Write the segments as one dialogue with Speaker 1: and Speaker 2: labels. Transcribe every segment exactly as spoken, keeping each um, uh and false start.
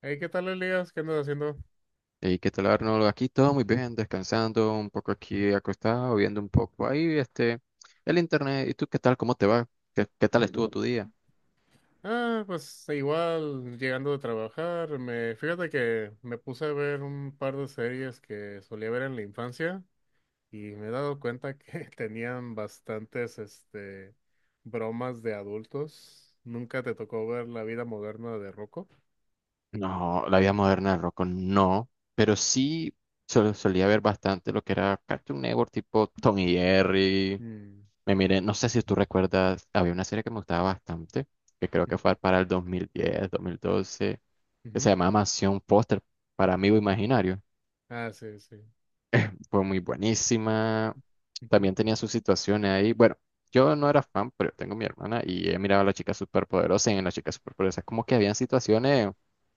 Speaker 1: Hey, ¿qué tal, Elías? ¿Qué andas haciendo?
Speaker 2: ¿Y qué tal, Arnold? Aquí todo muy bien, descansando un poco aquí acostado, viendo un poco ahí este, el internet. ¿Y tú qué tal? ¿Cómo te va? ¿Qué, qué tal estuvo tu día?
Speaker 1: Ah, pues igual llegando de trabajar, me fíjate que me puse a ver un par de series que solía ver en la infancia y me he dado cuenta que tenían bastantes este bromas de adultos. Nunca te tocó ver La vida moderna de Rocco.
Speaker 2: No, la vida moderna, Rocco, no, pero sí sol- solía ver bastante lo que era Cartoon Network, tipo Tom y Jerry.
Speaker 1: Mm,
Speaker 2: Me miré, no sé si tú recuerdas, había una serie que me gustaba bastante, que creo que fue para el dos mil diez, dos mil doce, que se
Speaker 1: ujú.
Speaker 2: llamaba Mansión Póster para Amigo Imaginario.
Speaker 1: Ah, sí, sí.
Speaker 2: Fue muy buenísima. También tenía sus situaciones ahí. Bueno, yo no era fan, pero tengo mi hermana y he mirado a la chica superpoderosa y en la chica superpoderosa es como que habían situaciones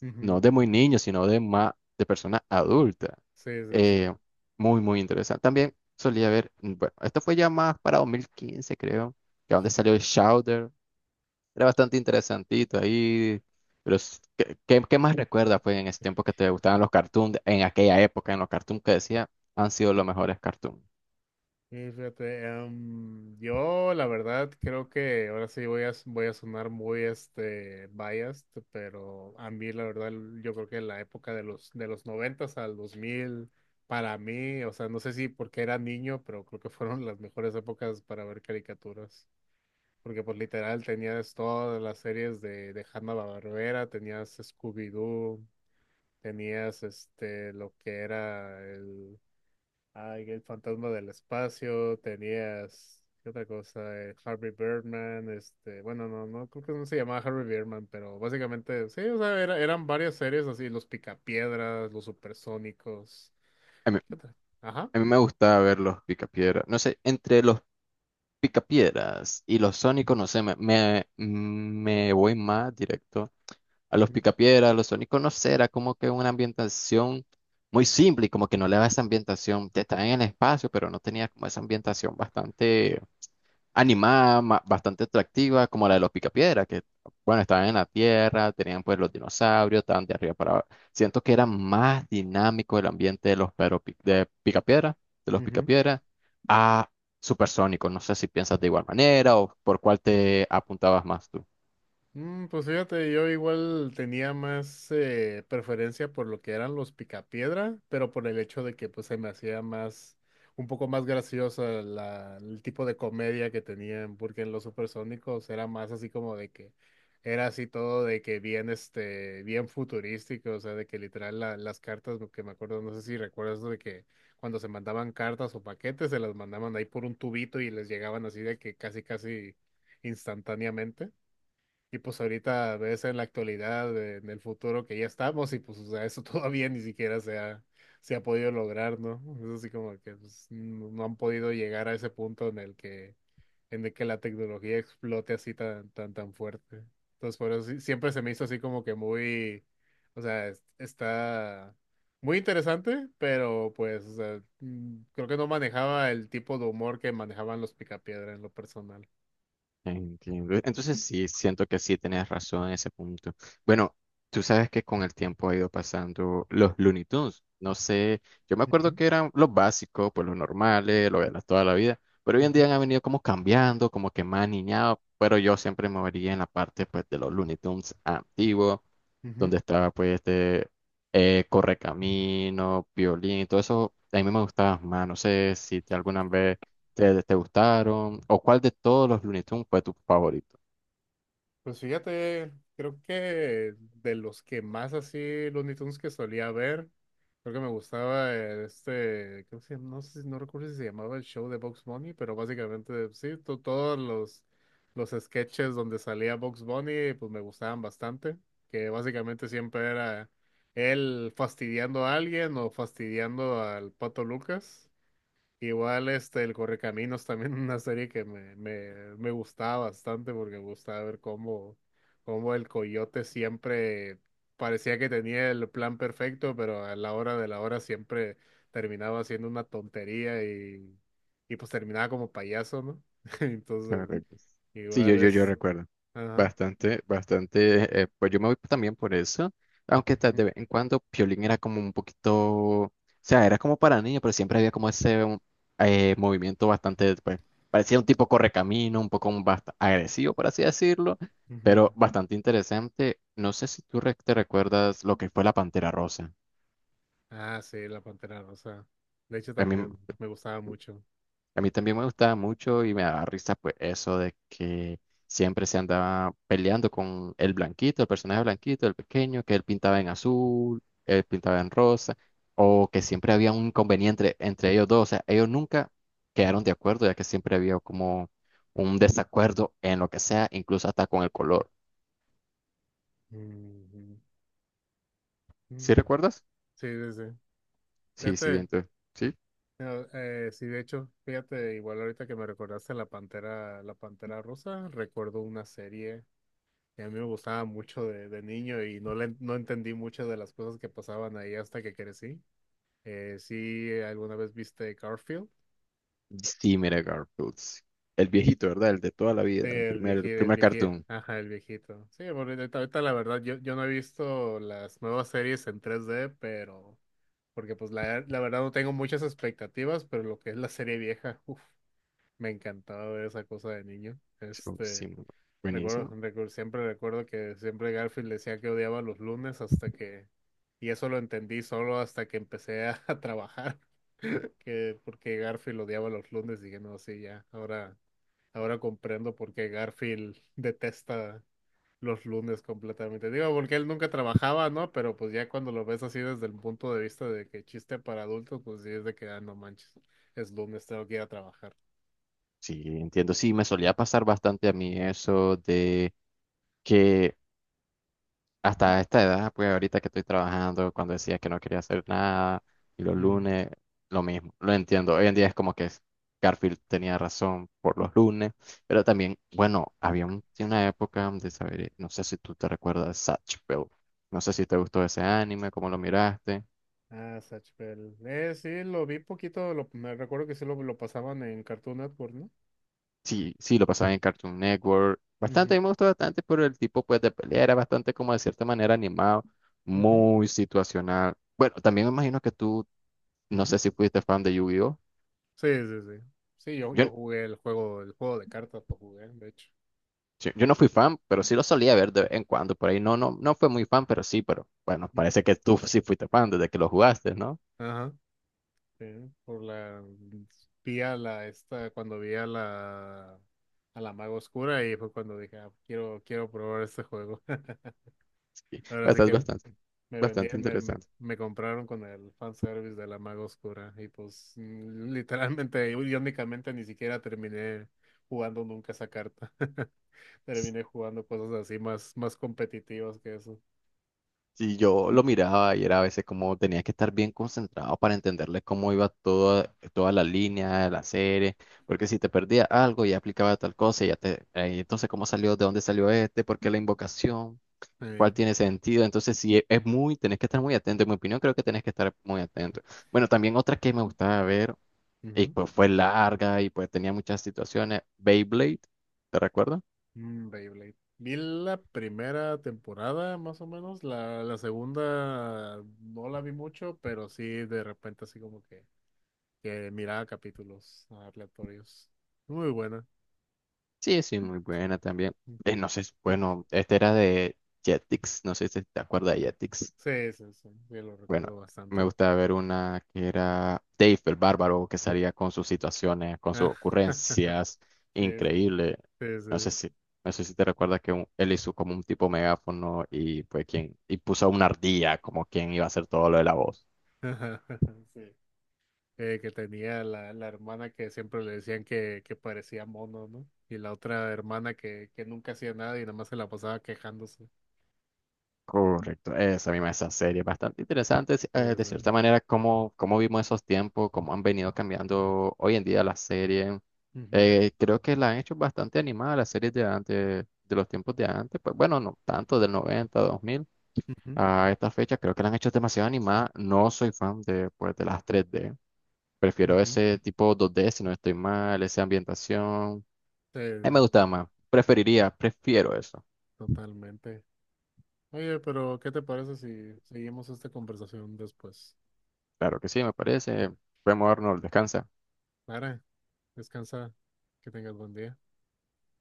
Speaker 1: Ujú,
Speaker 2: no
Speaker 1: ujú.
Speaker 2: de muy niños, sino de más de personas adultas.
Speaker 1: Sí, sí,
Speaker 2: Eh,
Speaker 1: sí.
Speaker 2: muy, muy interesante. También solía ver, mm, bueno, esto fue ya más para dos mil quince creo, que donde
Speaker 1: Ujú.
Speaker 2: salió el Shouder. Era bastante interesantito ahí. Pero, s- ¿qué, qué- qué más recuerdas, pues, en ese tiempo que te gustaban los cartoons? En aquella época, en los cartoons que decía, han sido los mejores cartoons.
Speaker 1: Sí, fíjate, em, yo la verdad creo que ahora sí voy a, voy a sonar muy este biased, pero a mí la verdad yo creo que la época de los de los noventas al dos mil para mí, o sea, no sé si porque era niño, pero creo que fueron las mejores épocas para ver caricaturas, porque pues literal tenías todas las series de de Hanna-Barbera, tenías Scooby-Doo, tenías este lo que era. Ay, el fantasma del espacio, tenías, ¿qué otra cosa? Eh, Harvey Birdman, este, bueno, no, no, creo que no se llamaba Harvey Birdman, pero básicamente, sí, o sea, era- eran varias series así, los Picapiedras, los Supersónicos,
Speaker 2: A mí,
Speaker 1: ¿qué otra? Ajá.
Speaker 2: a mí me gustaba ver los Picapiedra. No sé, entre los Picapiedras y los Sónicos, no sé, me, me, me voy más directo a los
Speaker 1: Ujú,
Speaker 2: Picapiedras, a los Sónicos, no sé, era como que una ambientación muy simple y como que no le daba esa ambientación. Te estaban en el espacio, pero no tenía como esa ambientación bastante animada, ma- bastante atractiva, como la de los Picapiedra, que, bueno, estaban en la tierra, tenían pues los dinosaurios, estaban de arriba para abajo. Siento que era más dinámico el ambiente de los pero Pi- de Picapiedra, de los
Speaker 1: ujú.
Speaker 2: Picapiedra, a Supersónico. No sé si piensas de igual manera o por cuál te apuntabas más tú.
Speaker 1: Mm, pues fíjate, yo igual tenía más eh, preferencia por lo que eran los picapiedra, pero por el hecho de que pues se me hacía más, un poco más graciosa la, el tipo de comedia que tenían, porque en los supersónicos era más así como de que era así todo de que bien este, bien futurístico, o sea, de que literal la- las cartas, lo que me acuerdo, no sé si recuerdas de que cuando se mandaban cartas o paquetes, se las mandaban ahí por un tubito y les llegaban así de que casi casi instantáneamente. Y pues ahorita ves en la actualidad, eh, en el futuro que ya estamos, y pues o sea, eso todavía ni siquiera se ha, se ha podido lograr, ¿no? Es así como que pues, no no han podido llegar a ese punto en el que, en el que la tecnología explote así tan, tan, tan fuerte. Entonces, por eso sí- siempre se me hizo así como que muy, o sea, es- está muy interesante, pero pues, o sea, mm, creo que no manejaba el tipo de humor que manejaban los Picapiedra en lo personal.
Speaker 2: Entiendo. Entonces sí, siento que sí tenés razón en ese punto. Bueno, tú sabes que con el tiempo ha ido pasando los Looney Tunes. No sé, yo me acuerdo
Speaker 1: Ujú,
Speaker 2: que eran los básicos, pues los normales, lo de la- toda la vida, pero hoy en
Speaker 1: ujú,
Speaker 2: día han venido como cambiando, como que más niñados, pero yo siempre me vería en la parte pues de los Looney Tunes antiguos,
Speaker 1: ujú.
Speaker 2: donde estaba pues este eh, Correcamino, Piolín, todo eso, a mí me gustaba más, no sé si te alguna vez. ¿Te, te gustaron? ¿O cuál de todos los Looney Tunes fue tu favorito?
Speaker 1: Pues fíjate, creo que de los que más así Looney Tunes que solía ver, creo que me gustaba eh, este, creo que se- llama? No sé, no recuerdo si se llamaba el show de Bugs Bunny, pero básicamente sí, to- todos los, los sketches donde salía Bugs Bunny, pues me gustaban bastante, que básicamente siempre era él fastidiando a alguien o fastidiando al Pato Lucas. Igual este, el Correcaminos también una serie que me, me, me gustaba bastante porque me gustaba ver cómo, cómo el coyote siempre parecía que tenía el plan perfecto, pero a la hora de la hora siempre terminaba haciendo una tontería y, y pues terminaba como payaso, ¿no? Entonces,
Speaker 2: Correcto. Sí, yo,
Speaker 1: igual
Speaker 2: yo, yo
Speaker 1: es...
Speaker 2: recuerdo.
Speaker 1: Ajá.
Speaker 2: Bastante, bastante. eh, pues yo me voy también por eso. Aunque tal de vez en cuando Piolín era como un poquito. O sea, era como para niños, pero siempre había como ese um, eh, movimiento bastante. Pues, parecía un tipo correcamino, un poco un bast- agresivo, por así decirlo. Pero
Speaker 1: Ujú.
Speaker 2: bastante interesante. No sé si tú re- te recuerdas lo que fue la Pantera Rosa.
Speaker 1: Ah, sí, la Pantera Rosa. De hecho,
Speaker 2: A mí.
Speaker 1: también me gustaba mucho.
Speaker 2: A mí también me gustaba mucho y me daba risa pues eso de que siempre se andaba peleando con el blanquito, el personaje blanquito, el pequeño, que él pintaba en azul, él pintaba en rosa, o que siempre había un inconveniente entre ellos dos. O sea, ellos nunca quedaron de acuerdo, ya que siempre había como un desacuerdo en lo que sea, incluso hasta con el color.
Speaker 1: Ujú.
Speaker 2: ¿Sí
Speaker 1: Mm.
Speaker 2: recuerdas?
Speaker 1: Sí, sí, sí.
Speaker 2: Sí, sí,
Speaker 1: Fíjate.
Speaker 2: entonces, sí.
Speaker 1: No, eh, sí, de hecho, fíjate, igual ahorita que me recordaste la Pantera, la Pantera Rosa, recuerdo una serie que a mí me gustaba mucho de, de niño y no le, no entendí muchas de las cosas que pasaban ahí hasta que crecí. Eh, sí, eh, ¿alguna vez viste Garfield?
Speaker 2: Sí, mira, Garfield. Sí. El viejito, ¿verdad? El de toda la vida,
Speaker 1: Sí,
Speaker 2: el
Speaker 1: el
Speaker 2: primer,
Speaker 1: viejito,
Speaker 2: el
Speaker 1: el
Speaker 2: primer
Speaker 1: viejito,
Speaker 2: cartoon.
Speaker 1: ajá, el viejito. Sí, bueno, ahorita, ahorita la verdad, yo, yo no he visto las nuevas series en tres D, pero porque pues la, la verdad no tengo muchas expectativas, pero lo que es la serie vieja, uff. Me encantaba ver esa cosa de niño.
Speaker 2: Sí, uy, sí,
Speaker 1: Este,
Speaker 2: muy bu-
Speaker 1: recuerdo,
Speaker 2: buenísimo.
Speaker 1: recu- siempre recuerdo que siempre Garfield decía que odiaba los lunes hasta que, y eso lo entendí solo hasta que empecé a, a trabajar, que porque Garfield odiaba los lunes, dije, no, sí, ya, ahora, ahora comprendo por qué Garfield detesta los lunes completamente. Digo, porque él nunca trabajaba, ¿no? Pero pues ya cuando lo ves así desde el punto de vista de que chiste para adultos, pues sí es de que, ah, no manches, es lunes, tengo que ir a trabajar.
Speaker 2: Sí, entiendo. Sí, me solía pasar bastante a mí eso de que hasta esta edad, pues ahorita que estoy trabajando, cuando decía que no quería hacer nada, y los lunes, lo mismo, lo entiendo. Hoy en día es como que Garfield tenía razón por los lunes, pero también, bueno, había un- una época de saber, no sé si tú te recuerdas, Zatch. No sé si te gustó ese anime, cómo lo miraste.
Speaker 1: Ah, Zatch Bell. Eh, sí, lo vi poquito, lo, me recuerdo que sí lo, lo pasaban en Cartoon Network, ¿no?
Speaker 2: Sí, sí, lo pasaba en Cartoon Network. Bastante,
Speaker 1: Ujú,
Speaker 2: a mí me gustó bastante por el tipo pues de pelea, era bastante como de cierta manera animado,
Speaker 1: ujú,
Speaker 2: muy situacional. Bueno, también me imagino que tú, no
Speaker 1: ujú.
Speaker 2: sé si fuiste fan de Yu-Gi-Oh.
Speaker 1: Sí, sí, sí. Sí, yo,
Speaker 2: Yo,
Speaker 1: yo jugué el juego, el juego de cartas lo jugué, de hecho.
Speaker 2: yo yo no fui fan, pero sí lo solía ver de vez en cuando por ahí. No, no, no fue muy fan, pero sí, pero bueno,
Speaker 1: Mm.
Speaker 2: parece que tú sí fuiste fan desde que lo jugaste, ¿no?
Speaker 1: Ajá. Sí, por la vi a la esta cuando vi a la a la maga oscura y fue cuando dije, ah, quiero, quiero probar este juego.
Speaker 2: Sí,
Speaker 1: Ahora sí
Speaker 2: bastante,
Speaker 1: que
Speaker 2: bastante,
Speaker 1: me vendía,
Speaker 2: bastante
Speaker 1: me,
Speaker 2: interesante.
Speaker 1: me compraron con el fanservice de la maga oscura y pues mm, literalmente, irónicamente ni siquiera terminé jugando nunca esa carta. Terminé jugando cosas así más, más competitivas que eso.
Speaker 2: Sí, yo lo miraba y era a veces como tenía que estar bien concentrado para entenderle cómo iba toda, toda la línea de la serie, porque si te perdía algo ya aplicaba tal cosa, y ya te, eh, entonces cómo salió, de dónde salió este, por qué la invocación, cuál
Speaker 1: Eh,
Speaker 2: tiene sentido, entonces sí, e- es muy, tenés que estar muy atento, en mi opinión creo que tenés que estar muy atento. Bueno, también otra que me gustaba ver, y
Speaker 1: ujú.
Speaker 2: pues fue larga y pues tenía muchas situaciones, Beyblade, ¿te recuerdas?
Speaker 1: Mm, Beyblade. Vi la primera temporada, más o menos. La, la segunda no la vi mucho, pero sí de repente así como que, que miraba capítulos aleatorios. Muy buena.
Speaker 2: Sí, sí, muy buena también. Eh, no sé, bueno, esta era de Jetix, no sé si te acuerdas de Jetix.
Speaker 1: Sí, sí, sí, sí, lo
Speaker 2: Bueno,
Speaker 1: recuerdo
Speaker 2: me
Speaker 1: bastante.
Speaker 2: gustaba ver una que era Dave el Bárbaro, que salía con sus situaciones, con sus
Speaker 1: Ah,
Speaker 2: ocurrencias,
Speaker 1: sí, sí,
Speaker 2: increíble.
Speaker 1: sí,
Speaker 2: No sé
Speaker 1: sí.
Speaker 2: si, no sé si te recuerdas que un- él hizo como un tipo megáfono y pues quien, y puso a una ardilla como quien iba a hacer todo lo de la voz.
Speaker 1: Sí. Eh, que tenía la, la hermana que siempre le decían que, que parecía mono, ¿no? Y la otra hermana que, que nunca hacía nada y nada más se la pasaba quejándose.
Speaker 2: Correcto, esa misma, esa serie, bastante interesante sí,
Speaker 1: Sí,
Speaker 2: eh, de
Speaker 1: sí.
Speaker 2: cierta manera cómo, cómo vimos esos tiempos, cómo han venido cambiando hoy en día las series.
Speaker 1: Ujú,
Speaker 2: Eh, creo que la han hecho bastante animada las series de antes, de los tiempos de antes, pues bueno, no tanto del noventa, dos mil
Speaker 1: ujú,
Speaker 2: a esta fecha, creo que la han hecho demasiado animada. No soy fan de, pues, de las tres D, prefiero
Speaker 1: ujú.
Speaker 2: ese tipo dos D si no estoy mal, esa ambientación.
Speaker 1: Sí,
Speaker 2: A mí me
Speaker 1: sí,
Speaker 2: gustaba
Speaker 1: to-
Speaker 2: más, preferiría, prefiero eso.
Speaker 1: totalmente. Oye, pero ¿qué te parece si seguimos esta conversación después?
Speaker 2: Claro que sí, me parece. Podemos darnos, descansa.
Speaker 1: Clara, descansa, que tengas buen día.